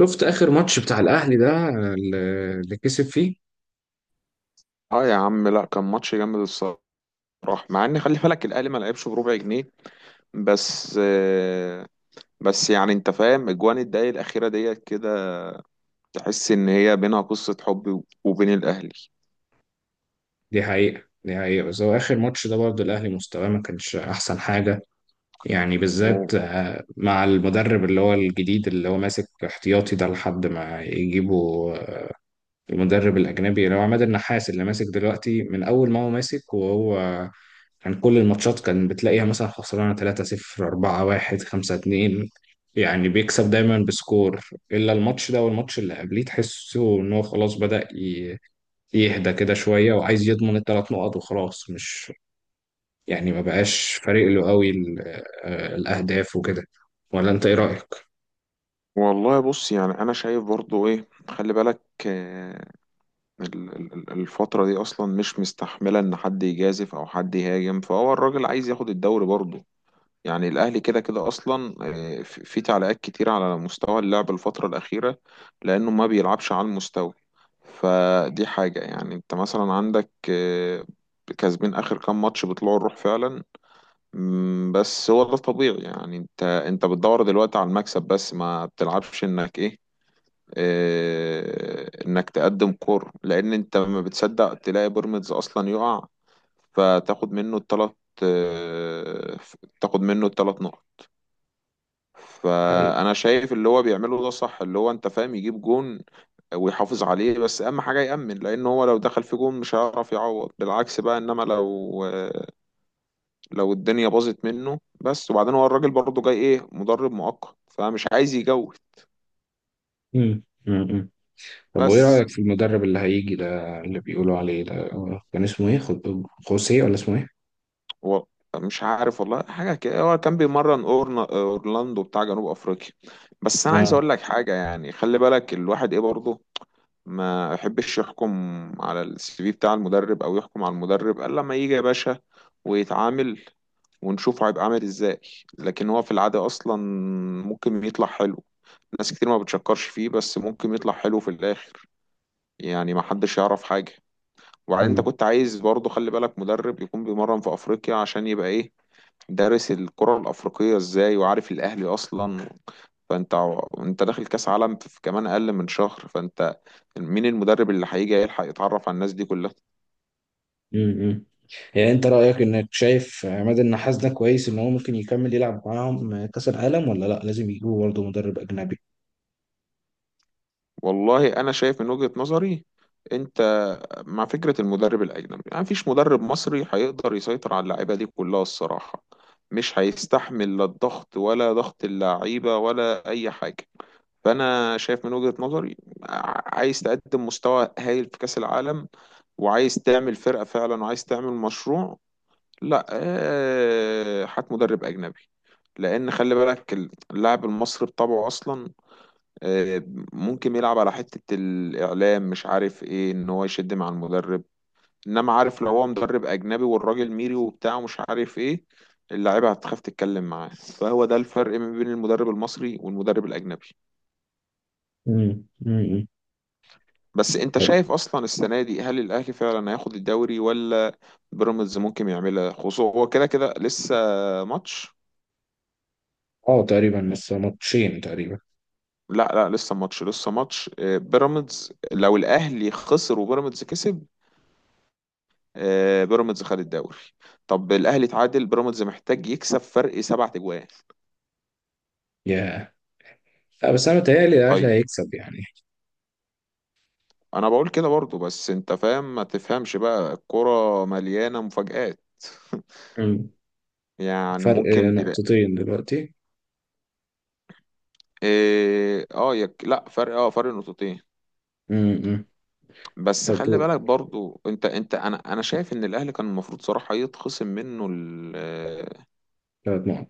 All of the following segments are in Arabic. شفت اخر ماتش بتاع الاهلي ده اللي كسب فيه. اه يا عم، لا كان ماتش جامد الصراحه. مع ان خلي بالك الاهلي ما لعبش بربع جنيه، بس بس يعني انت فاهم اجوان الدقايق الاخيره ديت كده تحس ان هي بينها قصه حب وبين الاهلي. دي حقيقة. بس هو اخر ماتش ده برضه الاهلي مستواه ما كانش احسن حاجة، يعني و- بالذات مع المدرب اللي هو الجديد اللي هو ماسك احتياطي ده لحد ما يجيبوا المدرب الاجنبي اللي هو عماد النحاس اللي ماسك دلوقتي. من اول ما هو ماسك وهو كان كل الماتشات كان بتلاقيها مثلا خسرانة 3-0 4-1 5-2، يعني بيكسب دايما بسكور، إلا الماتش ده والماتش اللي قبليه تحسه إن هو خلاص بدأ يهدى كده شوية وعايز يضمن 3 نقط، وخلاص مش، يعني ما بقاش فارق له قوي الأهداف وكده. ولا أنت إيه رأيك؟ والله بص، يعني انا شايف برضو ايه، خلي بالك آه، الفتره دي اصلا مش مستحمله ان حد يجازف او حد يهاجم، فهو الراجل عايز ياخد الدوري برضو. يعني الأهلي كده كده أصلا في في تعليقات كتير على مستوى اللعب الفترة الأخيرة، لأنه ما بيلعبش على المستوى. فدي حاجة. يعني أنت مثلا عندك كسبين آخر كام ماتش بيطلعوا الروح فعلا. بس هو ده طبيعي. يعني أنت بتدور دلوقتي على المكسب بس، ما بتلعبش إنك إيه، إنك تقدم كور، لأن أنت ما بتصدق تلاقي بيراميدز أصلا يقع فتاخد منه التلات، آه، تاخد منه التلات نقط. حقيقي. فانا شايف اللي هو بيعمله ده صح، اللي هو انت فاهم يجيب جون ويحافظ عليه. بس اهم حاجه يامن، لان هو لو دخل في جون مش هيعرف يعوض، بالعكس بقى. انما لو لو الدنيا باظت منه بس، وبعدين هو الراجل برضه جاي ايه، مدرب مؤقت، فمش عايز يجود مم. مم. مم. طب وإيه بس. رأيك في المدرب اللي هيجي ده اللي بيقولوا عليه ده؟ كان اسمه إيه؟ خوسيه ولا اسمه إيه؟ هو مش عارف والله، حاجه كده، هو كان بيمرن اورلاندو بتاع جنوب افريقيا. بس انا عايز آه. اقول لك حاجه، يعني خلي بالك الواحد ايه برضه ما يحبش يحكم على السي في بتاع المدرب، او يحكم على المدرب الا لما يجي يا باشا ويتعامل ونشوفه هيبقى عامل ازاي. لكن هو في العادة اصلا ممكن يطلع حلو، ناس كتير ما بتشكرش فيه بس ممكن يطلع حلو في الاخر. يعني ما حدش يعرف حاجة. وبعدين انت كنت عايز برضه، خلي بالك، مدرب يكون بيمرن في افريقيا عشان يبقى ايه، دارس الكرة الافريقية ازاي وعارف الاهلي اصلا. فانت انت داخل كاس عالم في كمان اقل من شهر، فانت مين المدرب اللي هيجي يلحق يتعرف على الناس دي كلها؟ امم. يعني انت رأيك انك شايف عماد النحاس ده كويس ان هو ممكن يكمل يلعب معاهم كأس العالم، ولا لا لازم يجيبوا برضه مدرب اجنبي؟ والله انا شايف من وجهة نظري، انت مع فكرة المدرب الاجنبي. يعني مفيش مدرب مصري هيقدر يسيطر على اللعيبة دي كلها الصراحة، مش هيستحمل لا الضغط ولا ضغط اللعيبة ولا اي حاجة. فانا شايف من وجهة نظري، عايز تقدم مستوى هايل في كاس العالم، وعايز تعمل فرقة فعلا، وعايز تعمل مشروع، لا هات مدرب أجنبي. لأن خلي بالك اللاعب المصري بطبعه أصلا آه، ممكن يلعب على حتة الإعلام مش عارف إيه، إن هو يشد مع المدرب. إنما عارف لو هو مدرب أجنبي والراجل ميري وبتاع ومش عارف إيه، اللعيبة هتخاف تتكلم معاه. فهو ده الفرق ما بين المدرب المصري والمدرب الأجنبي. امم، امم. بس أنت شايف أصلا السنة دي هل الأهلي فعلا هياخد الدوري، ولا بيراميدز ممكن يعملها؟ خصوصا هو كده كده لسه ماتش. اه تقريبا لسه ماتشين تقريبا. لا لا، لسه ماتش لسه ماتش. بيراميدز لو الاهلي خسر وبيراميدز كسب بيراميدز خد الدوري. طب الاهلي تعادل، بيراميدز محتاج يكسب فرق سبع تجوان. يا لا، بس انا متهيألي الاهلي طيب، هيكسب يعني. انا بقول كده برضو، بس انت فاهم، ما تفهمش بقى، الكرة مليانة مفاجآت. امم. يعني فرق ممكن تلاقي نقطتين دلوقتي. إيه، اه لا فرق، اه فرق نقطتين. امم. بس طب خلي دول بالك برضو، انت انا شايف ان الاهلي كان المفروض صراحة يتخصم منه 3 نقط.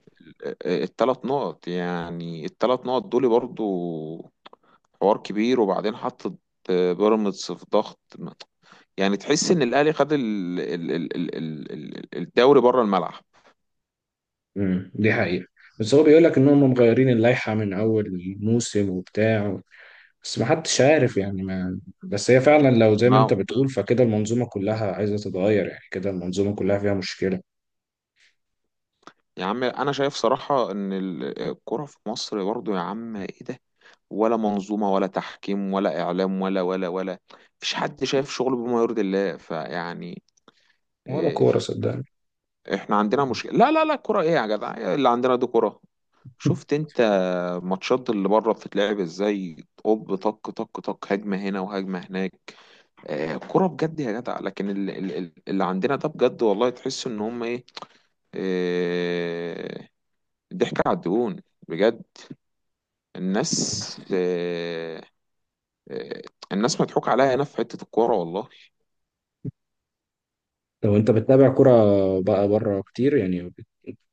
الثلاث نقط. يعني الثلاث نقط دول برضو حوار كبير. وبعدين حطت بيراميدز في ضغط. يعني تحس ان الاهلي خد الدوري بره الملعب. امم. دي حقيقة. بس هو بيقول لك ان هم مغيرين اللائحة من اول الموسم وبتاع، بس محدش عارف يعني. ما بس هي فعلا لو زي ما ما انت بتقول فكده المنظومة كلها عايزة تتغير، يعني كده المنظومة كلها فيها مشكلة. يا عم، انا شايف صراحة ان الكرة في مصر برضو، يا عم ايه ده، ولا منظومة ولا تحكيم ولا اعلام ولا ولا ولا، مفيش حد شايف شغله بما يرضي الله فيعني. ولا إيه، كورة صدقني. احنا عندنا مشكلة. لا لا لا، كرة ايه يا جدع، اللي عندنا دي كرة؟ شفت انت الماتشات اللي بره بتتلعب ازاي؟ اوب طق طق طق، هجمه هنا وهجمه هناك، آه كرة بجد يا جدع. لكن اللي عندنا ده، بجد والله تحس ان هم ايه، آه، ضحك على الدهون، بجد. الناس آه، آه، الناس مضحوك عليها هنا في حتة الكورة والله. لو انت بتتابع كرة بقى بره كتير يعني،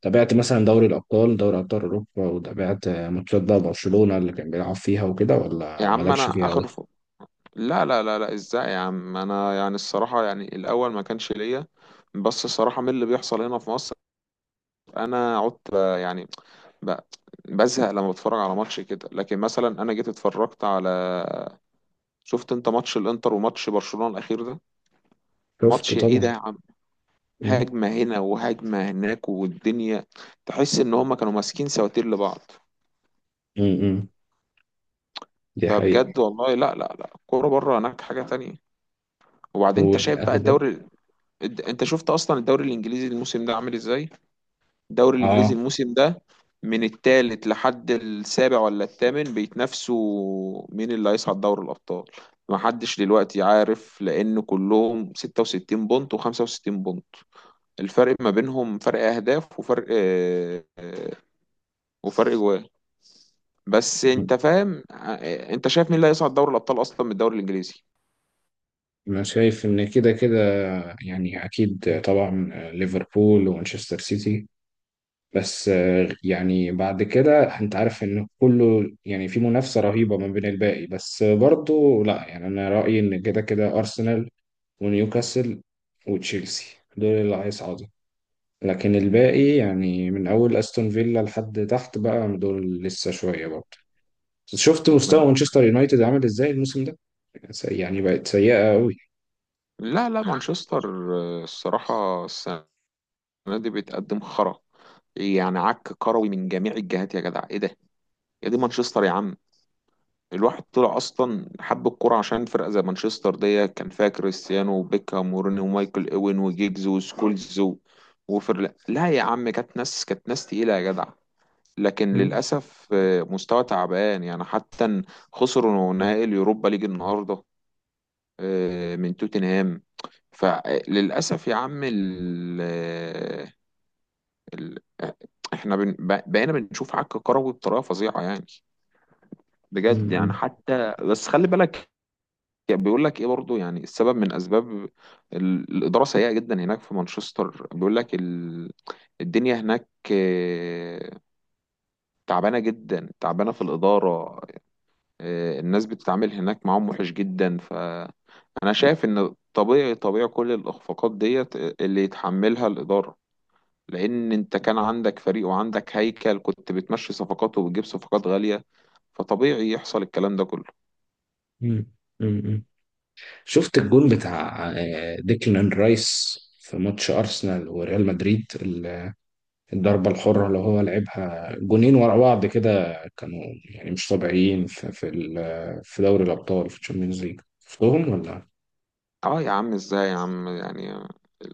تابعت مثلا دوري الأبطال دوري أبطال أوروبا وتابعت ماتشات بقى برشلونة اللي كان بيلعب فيها وكده، يا ولا عم مالكش انا فيها أوي؟ اخر لا لا لا لا، ازاي يا عم، انا يعني الصراحة، يعني الاول ما كانش ليا، بس الصراحة من اللي بيحصل هنا في مصر انا عدت يعني، ب- بزهق لما بتفرج على ماتش كده. لكن مثلا انا جيت اتفرجت على، شفت انت ماتش الانتر وماتش برشلونة الاخير ده؟ شفت ماتش ايه ده طبعا. يا عم. امم، هجمة هنا وهجمة هناك، والدنيا تحس ان هما كانوا ماسكين سواتير لبعض. امم. دي فبجد حقيقة. والله، لا لا لا، الكورة بره هناك حاجة تانية. وبعدين انت شايف بقى والأهداف. الدوري، انت شفت اصلا الدوري الانجليزي الموسم ده عامل ازاي؟ الدوري الانجليزي اه. الموسم ده من الثالث لحد السابع ولا الثامن بيتنافسوا مين اللي هيصعد دوري الابطال. ما حدش دلوقتي عارف لان كلهم 66 بونت و65 بونت، الفرق ما بينهم فرق اهداف وفرق وفرق جوان. بس م- انت فاهم انت شايف مين اللي هيصعد دوري الابطال اصلا من الدوري الانجليزي؟ أنا شايف إن كده كده، يعني أكيد طبعا ليفربول ومانشستر سيتي. بس يعني بعد كده أنت عارف إن كله يعني في منافسة رهيبة ما بين الباقي، بس برضو لا، يعني أنا رأيي إن كده كده أرسنال ونيوكاسل وتشيلسي، دول اللي هيصعدوا. لكن الباقي يعني من أول أستون فيلا لحد تحت بقى دول لسه شوية برضه. شفت مستوى من- مانشستر يونايتد عامل إزاي الموسم ده؟ يعني بقت سيئة أوي. لا لا، مانشستر الصراحة السنة دي بتقدم خرا. يعني عك كروي من جميع الجهات، يا جدع ايه ده. يا دي مانشستر يا عم، الواحد طلع اصلا حب الكوره عشان فرقه زي مانشستر دي، كان فيها كريستيانو وبيكهام وروني ومايكل اوين وجيجز وسكولز وفر، لا يا عم، كانت ناس، كانت ناس تقيله يا جدع. لكن مم. للاسف مستوى تعبان. يعني حتى إن خسروا نهائي اليوروبا ليج النهارده من توتنهام. فللاسف يا عم ال آه، ال آه، احنا بقينا بنشوف عك كروي بطريقه فظيعه يعني. بجد. يعني مم. حتى، بس خلي بالك، يعني بيقول لك ايه برضو، يعني السبب من اسباب، الاداره سيئه جدا هناك في مانشستر. بيقول لك الدنيا هناك تعبانه جدا، تعبانه في الاداره. الناس بتتعامل هناك معاهم وحش جدا. فانا شايف ان طبيعي، طبيعي كل الاخفاقات ديت اللي يتحملها الاداره، لان انت كان عندك فريق وعندك هيكل، كنت بتمشي صفقات وبتجيب صفقات غاليه، فطبيعي يحصل الكلام ده كله. مم. مم. شفت الجون بتاع ديكلان رايس في ماتش أرسنال وريال مدريد؟ الضربة الحرة اللي هو لعبها جونين ورا بعض كده، كانوا يعني مش طبيعيين في في دوري الأبطال في الشامبيونز ليج، شفتهم ولا؟ اه يا عم، ازاي يا عم. يعني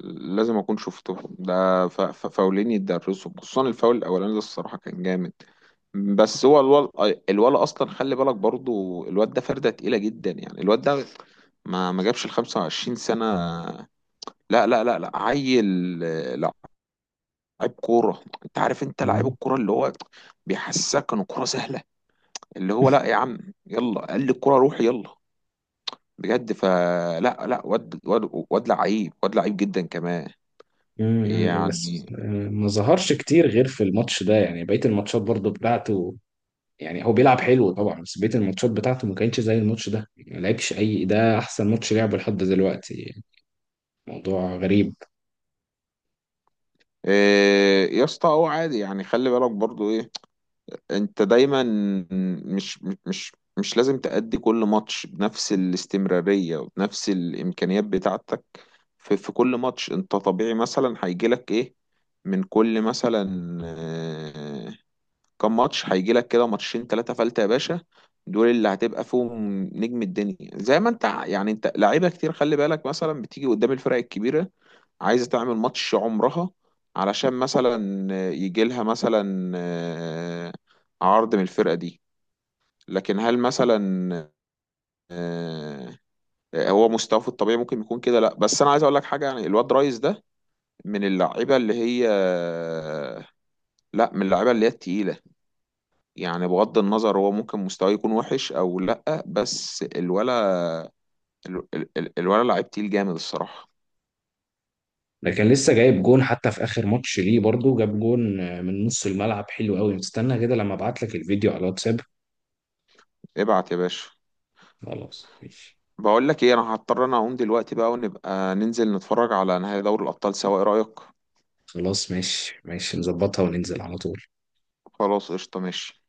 لازم اكون شفته ده. فاولين يتدرسوا، خصوصا الفاول الاولاني ده الصراحه كان جامد. بس هو الولا، الولا اصلا خلي بالك برضو، الواد ده فرده تقيله جدا. يعني الواد ده ما جابش ال 25 سنه. لا لا لا لا، عيل لعيب كوره. انت عارف انت لعيب مم. الكوره اللي هو بيحسسك ان الكوره سهله، اللي هو لا يا عم، يلا قال لي الكوره روح يلا. بجد، فلا لا لا، واد واد واد لعيب، واد لعيب جدا كمان. مم. بس يعني ما ظهرش كتير غير في الماتش ده يعني، بقية الماتشات برضو بتاعته يعني هو بيلعب حلو طبعا، بس بقية الماتشات بتاعته ما كانتش زي الماتش ده، ما لعبش أي ده أحسن ماتش لعبه لحد دلوقتي. موضوع غريب. إيه يا اسطى، هو عادي يعني. خلي بالك برضو ايه، انت دايما مش مش مش لازم تأدي كل ماتش بنفس الاستمرارية وبنفس الإمكانيات بتاعتك. في, في كل ماتش انت طبيعي مثلا هيجيلك ايه، من كل مثلا كام ماتش هيجيلك كده، ماتشين ثلاثة فلتة يا باشا. دول اللي هتبقى فيهم نجم الدنيا، زي ما انت يعني انت لعيبة كتير خلي بالك مثلا بتيجي قدام الفرق الكبيرة عايزة تعمل ماتش عمرها علشان مثلا يجي لها مثلا عرض من الفرقة دي. لكن هل مثلا آه، هو مستواه في الطبيعي ممكن يكون كده؟ لا، بس انا عايز اقول لك حاجه يعني، الواد رايز ده من اللعيبه اللي هي، لا من اللعيبه اللي هي التقيله. يعني بغض النظر هو ممكن مستواه يكون وحش او لا، بس الولا ال- الولا لعيب تقيل جامد الصراحه. ده كان لسه جايب جون حتى في اخر ماتش ليه، برضو جاب جون من نص الملعب حلو قوي. استنى كده لما ابعت لك الفيديو على الواتساب. ابعت يا باشا. خلاص ماشي. بقول لك ايه، انا هضطر انا اقوم دلوقتي بقى، ونبقى ننزل نتفرج على نهائي دوري الابطال سوا، ايه رايك؟ خلاص ماشي ماشي، نظبطها وننزل على طول. خلاص، قشطه، ماشي.